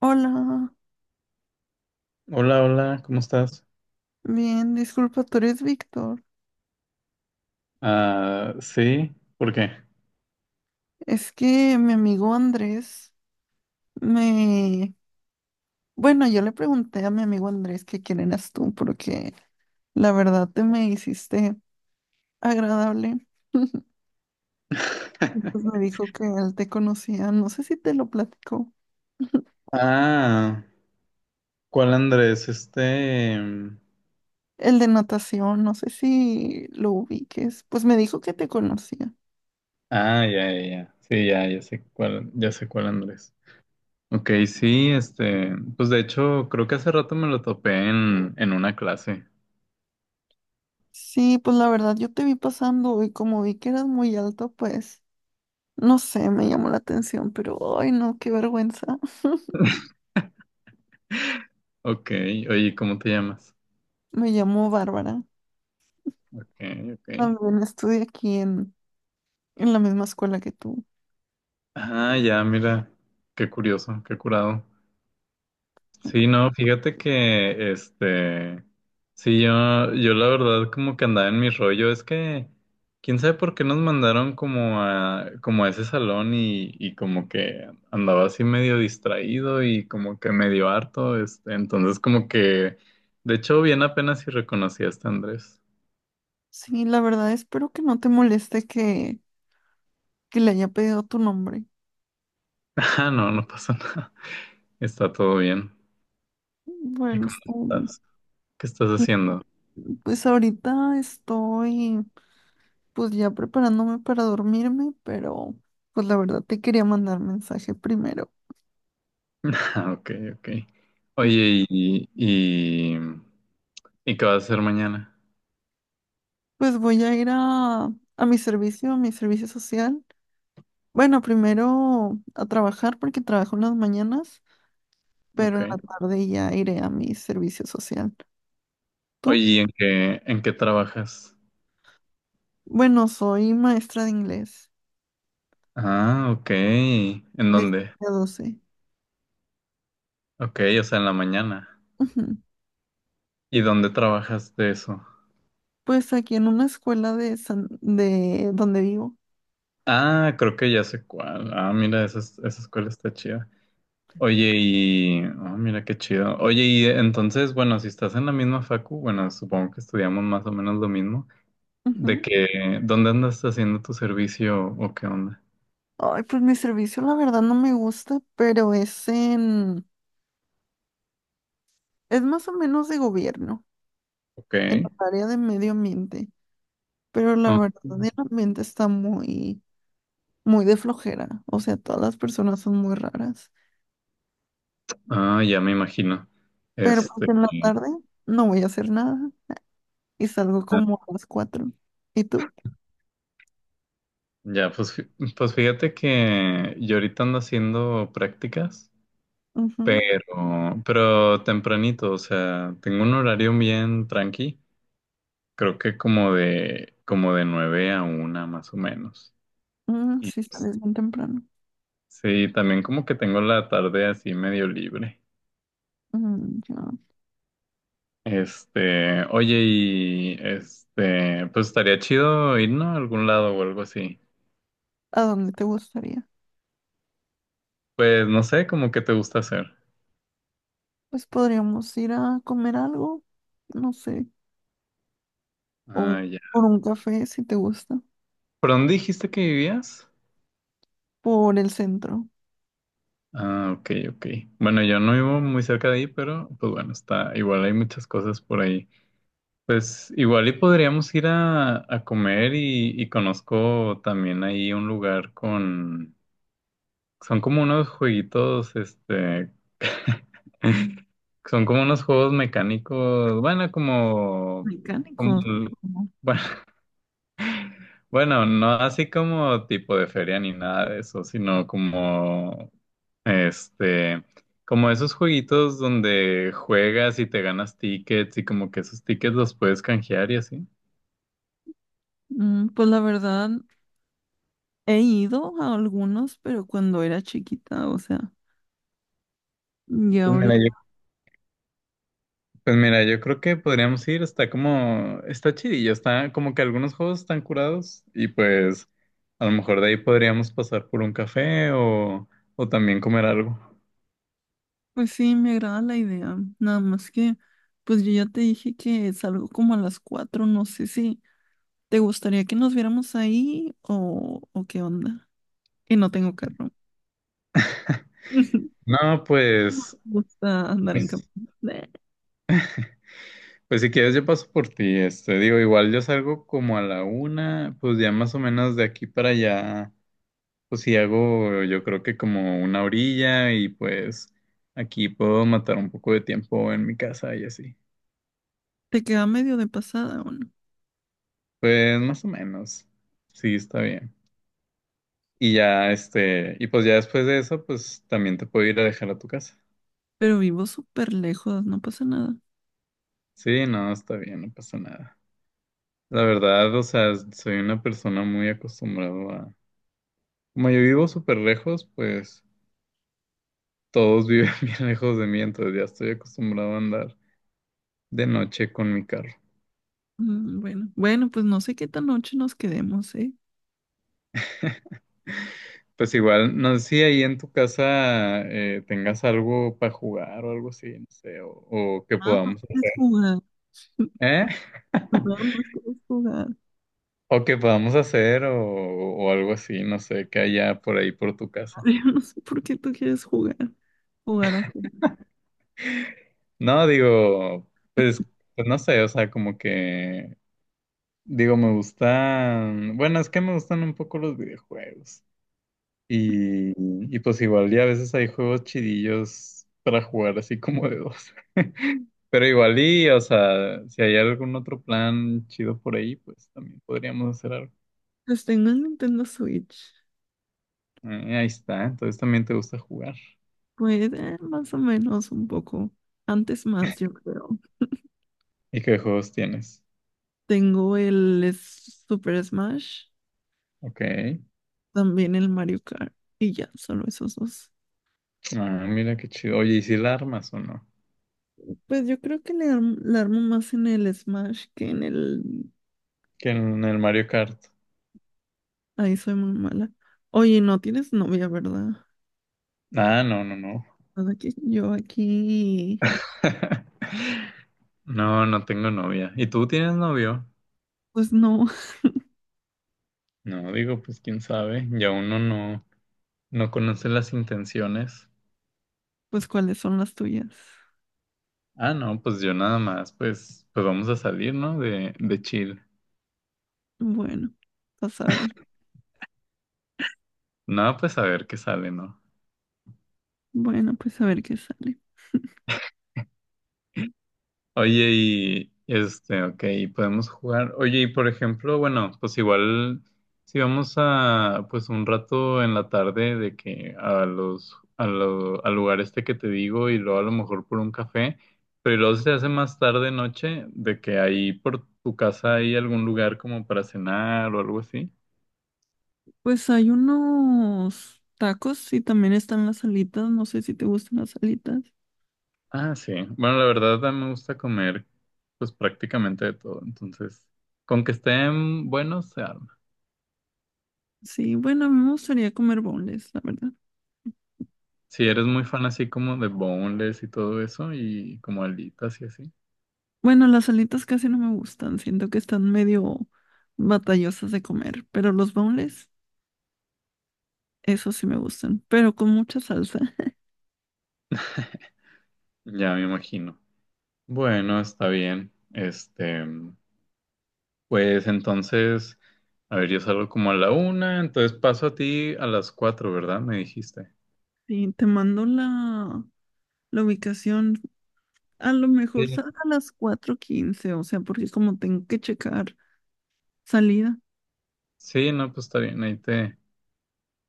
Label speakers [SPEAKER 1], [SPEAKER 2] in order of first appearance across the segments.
[SPEAKER 1] Hola,
[SPEAKER 2] Hola, hola, ¿cómo estás?
[SPEAKER 1] bien, disculpa, tú eres Víctor.
[SPEAKER 2] Ah, sí, ¿por qué?
[SPEAKER 1] Es que mi amigo Andrés me... Bueno, yo le pregunté a mi amigo Andrés que quién eras tú, porque la verdad te me hiciste agradable. Pues me dijo que él te conocía, no sé si te lo platicó.
[SPEAKER 2] Ah, ¿cuál Andrés?
[SPEAKER 1] El de natación, no sé si lo ubiques. Pues me dijo que te conocía.
[SPEAKER 2] Ah, ya, ya, ya. Sí, ya, ya sé cuál Andrés. Ok, sí, este. Pues de hecho, creo que hace rato me lo topé en una clase.
[SPEAKER 1] Sí, pues la verdad yo te vi pasando y como vi que eras muy alto, pues no sé, me llamó la atención, pero ay no, qué vergüenza.
[SPEAKER 2] Ok, oye, ¿cómo te llamas?
[SPEAKER 1] Me llamo Bárbara.
[SPEAKER 2] Ok, ok.
[SPEAKER 1] También estudié aquí en la misma escuela que tú.
[SPEAKER 2] Ah, ya, mira. Qué curioso, qué curado. Sí, no, fíjate que, este, sí, yo la verdad como que andaba en mi rollo, es que, quién sabe por qué nos mandaron como a ese salón y como que andaba así medio distraído y como que medio harto, este, entonces como que, de hecho, bien apenas si reconocí a este Andrés.
[SPEAKER 1] Sí, la verdad espero que no te moleste que le haya pedido tu nombre.
[SPEAKER 2] Ah, no, no pasa nada, está todo bien. ¿Y
[SPEAKER 1] Bueno,
[SPEAKER 2] cómo
[SPEAKER 1] está bien.
[SPEAKER 2] estás? ¿Qué estás
[SPEAKER 1] Y
[SPEAKER 2] haciendo?
[SPEAKER 1] pues ahorita estoy pues ya preparándome para dormirme, pero pues la verdad te quería mandar mensaje primero.
[SPEAKER 2] Ah, ok, ok. Oye, y... ¿Y qué vas a hacer mañana?
[SPEAKER 1] Pues voy a ir a mi servicio, a mi servicio social. Bueno, primero a trabajar porque trabajo en las mañanas. Pero en
[SPEAKER 2] Ok.
[SPEAKER 1] la tarde ya iré a mi servicio social.
[SPEAKER 2] Oye,
[SPEAKER 1] ¿Tú?
[SPEAKER 2] ¿y en qué trabajas?
[SPEAKER 1] Bueno, soy maestra de inglés
[SPEAKER 2] Ah, ok. ¿En
[SPEAKER 1] de
[SPEAKER 2] dónde?
[SPEAKER 1] 7 a 12.
[SPEAKER 2] Ok, o sea, en la mañana.
[SPEAKER 1] Ujú.
[SPEAKER 2] ¿Y dónde trabajas de eso?
[SPEAKER 1] Pues aquí en una escuela de donde vivo.
[SPEAKER 2] Ah, creo que ya sé cuál. Ah, mira, esa, esa escuela está chida. Oye, y... ah, mira qué chido. Oye, y entonces, bueno, si estás en la misma facu, bueno, supongo que estudiamos más o menos lo mismo, de
[SPEAKER 1] Ujú.
[SPEAKER 2] que, ¿dónde andas haciendo tu servicio o qué onda?
[SPEAKER 1] Ay, pues mi servicio la verdad no me gusta, pero es en, es más o menos de gobierno,
[SPEAKER 2] Ok.
[SPEAKER 1] en la área de medio ambiente. Pero la
[SPEAKER 2] Ah,
[SPEAKER 1] verdad el ambiente está muy, muy de flojera. O sea, todas las personas son muy raras.
[SPEAKER 2] ah, ya me imagino.
[SPEAKER 1] Pero
[SPEAKER 2] Este...
[SPEAKER 1] pues en la tarde no voy a hacer nada. Y salgo como a las 4. ¿Y tú?
[SPEAKER 2] Ya, pues, pues fíjate que yo ahorita ando haciendo prácticas,
[SPEAKER 1] Ujú.
[SPEAKER 2] pero tempranito, o sea, tengo un horario bien tranqui, creo que como de nueve a una más o menos.
[SPEAKER 1] Mm,
[SPEAKER 2] Y
[SPEAKER 1] sí, sales bien temprano.
[SPEAKER 2] sí, también como que tengo la tarde así medio libre.
[SPEAKER 1] Mm, ya.
[SPEAKER 2] Este, oye, y este, pues estaría chido irnos a algún lado o algo así.
[SPEAKER 1] ¿A dónde te gustaría?
[SPEAKER 2] Pues no sé, como que te gusta hacer.
[SPEAKER 1] Pues podríamos ir a comer algo, no sé, o
[SPEAKER 2] Ah, ya.
[SPEAKER 1] por un café si te gusta,
[SPEAKER 2] ¿Por dónde dijiste que vivías?
[SPEAKER 1] por el centro.
[SPEAKER 2] Ah, ok, ok. Bueno, yo no vivo muy cerca de ahí, pero pues bueno, está igual hay muchas cosas por ahí. Pues igual y podríamos ir a comer y conozco también ahí un lugar con... Son como unos jueguitos, este... Son como unos juegos mecánicos, bueno, como... como
[SPEAKER 1] Mecánicos.
[SPEAKER 2] el-
[SPEAKER 1] ¿No?
[SPEAKER 2] bueno, bueno, no así como tipo de feria ni nada de eso, sino como... Este, como esos jueguitos donde juegas y te ganas tickets y como que esos tickets los puedes canjear y así.
[SPEAKER 1] Mm, pues la verdad, he ido a algunos, pero cuando era chiquita, o sea, y
[SPEAKER 2] Pues mira, yo,
[SPEAKER 1] ahorita,
[SPEAKER 2] pues mira, yo creo que podríamos ir, está como, está chidillo, está como que algunos juegos están curados y pues a lo mejor de ahí podríamos pasar por un café o también comer algo.
[SPEAKER 1] pues sí, me agrada la idea. Nada más que, pues yo ya te dije que salgo como a las 4. No sé si... ¿Te gustaría que nos viéramos ahí o qué onda? Y no tengo carro.
[SPEAKER 2] No,
[SPEAKER 1] No me gusta andar en campo.
[SPEAKER 2] pues,
[SPEAKER 1] Bleh.
[SPEAKER 2] pues si quieres yo paso por ti, este, digo, igual yo salgo como a la una, pues ya más o menos de aquí para allá. Pues sí, hago yo creo que como una orilla y pues aquí puedo matar un poco de tiempo en mi casa y así.
[SPEAKER 1] Te queda medio de pasada o no.
[SPEAKER 2] Pues más o menos. Sí, está bien. Y ya este, y pues ya después de eso, pues también te puedo ir a dejar a tu casa.
[SPEAKER 1] Pero vivo súper lejos, no pasa nada.
[SPEAKER 2] Sí, no, está bien, no pasa nada. La verdad, o sea, soy una persona muy acostumbrado a... Como yo vivo súper lejos, pues todos viven bien lejos de mí, entonces ya estoy acostumbrado a andar de noche con mi carro.
[SPEAKER 1] Mm, bueno, bueno, pues no sé qué tan noche nos quedemos, ¿eh?
[SPEAKER 2] Pues igual, no sé si ahí en tu casa tengas algo para jugar o algo así, no sé, o que
[SPEAKER 1] Ah, no
[SPEAKER 2] podamos,
[SPEAKER 1] quieres jugar.
[SPEAKER 2] ¿eh?
[SPEAKER 1] Perdón, no quieres jugar.
[SPEAKER 2] O que podamos hacer o algo así, no sé, que haya por ahí por tu casa.
[SPEAKER 1] Yo no sé por qué tú quieres jugar. Jugar a qué.
[SPEAKER 2] No, digo, pues, pues no sé, o sea, como que, digo, me gustan, bueno, es que me gustan un poco los videojuegos. Y, y pues igual, y, a veces hay juegos chidillos para jugar así como de dos. Pero igual, y, o sea, si hay algún otro plan chido por ahí, pues también podríamos hacer algo.
[SPEAKER 1] Pues tengo el Nintendo Switch.
[SPEAKER 2] Ahí está, entonces también te gusta jugar.
[SPEAKER 1] Pues más o menos un poco. Antes más, yo creo.
[SPEAKER 2] ¿Y qué juegos tienes?
[SPEAKER 1] Tengo el Super Smash,
[SPEAKER 2] Ok.
[SPEAKER 1] también el Mario Kart y ya, solo esos dos.
[SPEAKER 2] Ah, mira qué chido. Oye, ¿y si la armas o no?
[SPEAKER 1] Pues yo creo que le armo más en el Smash que en el...
[SPEAKER 2] Que en el Mario Kart.
[SPEAKER 1] Ahí soy muy mala. Oye, no tienes novia, ¿verdad?
[SPEAKER 2] Ah, no, no, no.
[SPEAKER 1] Nada que yo aquí...
[SPEAKER 2] No, no tengo novia. ¿Y tú tienes novio?
[SPEAKER 1] Pues no,
[SPEAKER 2] No, digo, pues quién sabe. Ya uno no. No conocen las intenciones.
[SPEAKER 1] pues cuáles son las tuyas.
[SPEAKER 2] Ah, no, pues yo nada más, pues, pues vamos a salir, ¿no? De chill.
[SPEAKER 1] Bueno, vas a ver.
[SPEAKER 2] No, pues a ver qué sale, ¿no?
[SPEAKER 1] Bueno, pues a ver qué sale.
[SPEAKER 2] Oye, y este, ok, podemos jugar. Oye, y por ejemplo, bueno, pues igual si vamos a, pues un rato en la tarde de que a los, al lugar este que te digo y luego a lo mejor por un café, pero luego se hace más tarde noche de que ahí por tu casa hay algún lugar como para cenar o algo así.
[SPEAKER 1] Pues hay unos tacos y también están las alitas. No sé si te gustan las alitas.
[SPEAKER 2] Ah, sí. Bueno, la verdad a mí me gusta comer pues prácticamente de todo. Entonces, con que estén buenos se arma.
[SPEAKER 1] Sí, bueno, a mí me gustaría comer boneless, la verdad.
[SPEAKER 2] Si eres muy fan así como de boneless y todo eso y como alitas y así,
[SPEAKER 1] Bueno, las alitas casi no me gustan, siento que están medio batallosas de comer, pero los boneless, esos sí me gustan, pero con mucha salsa.
[SPEAKER 2] ya me imagino. Bueno, está bien. Este, pues entonces, a ver, yo salgo como a la una, entonces paso a ti a las cuatro, ¿verdad? Me dijiste.
[SPEAKER 1] Sí, te mando la ubicación, a lo mejor
[SPEAKER 2] Sí.
[SPEAKER 1] salga a las 4:15, o sea, porque como tengo que checar salida,
[SPEAKER 2] Sí, no, pues está bien.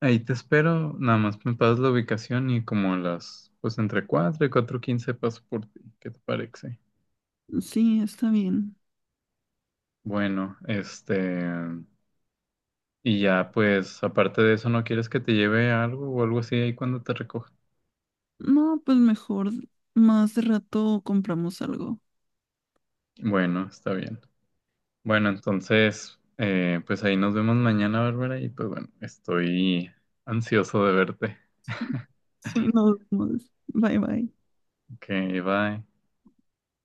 [SPEAKER 2] Ahí te espero, nada más me pasas la ubicación y como a las, pues entre 4 y 4:15 paso por ti, ¿qué te parece?
[SPEAKER 1] sí, está bien.
[SPEAKER 2] Bueno, este, y ya pues aparte de eso, ¿no quieres que te lleve algo o algo así ahí cuando te recoja?
[SPEAKER 1] No, pues mejor más de rato compramos algo.
[SPEAKER 2] Bueno, está bien. Bueno, entonces, pues ahí nos vemos mañana, Bárbara, y pues bueno, estoy ansioso de verte.
[SPEAKER 1] Sí, nos vemos. Bye bye.
[SPEAKER 2] Ok, bye.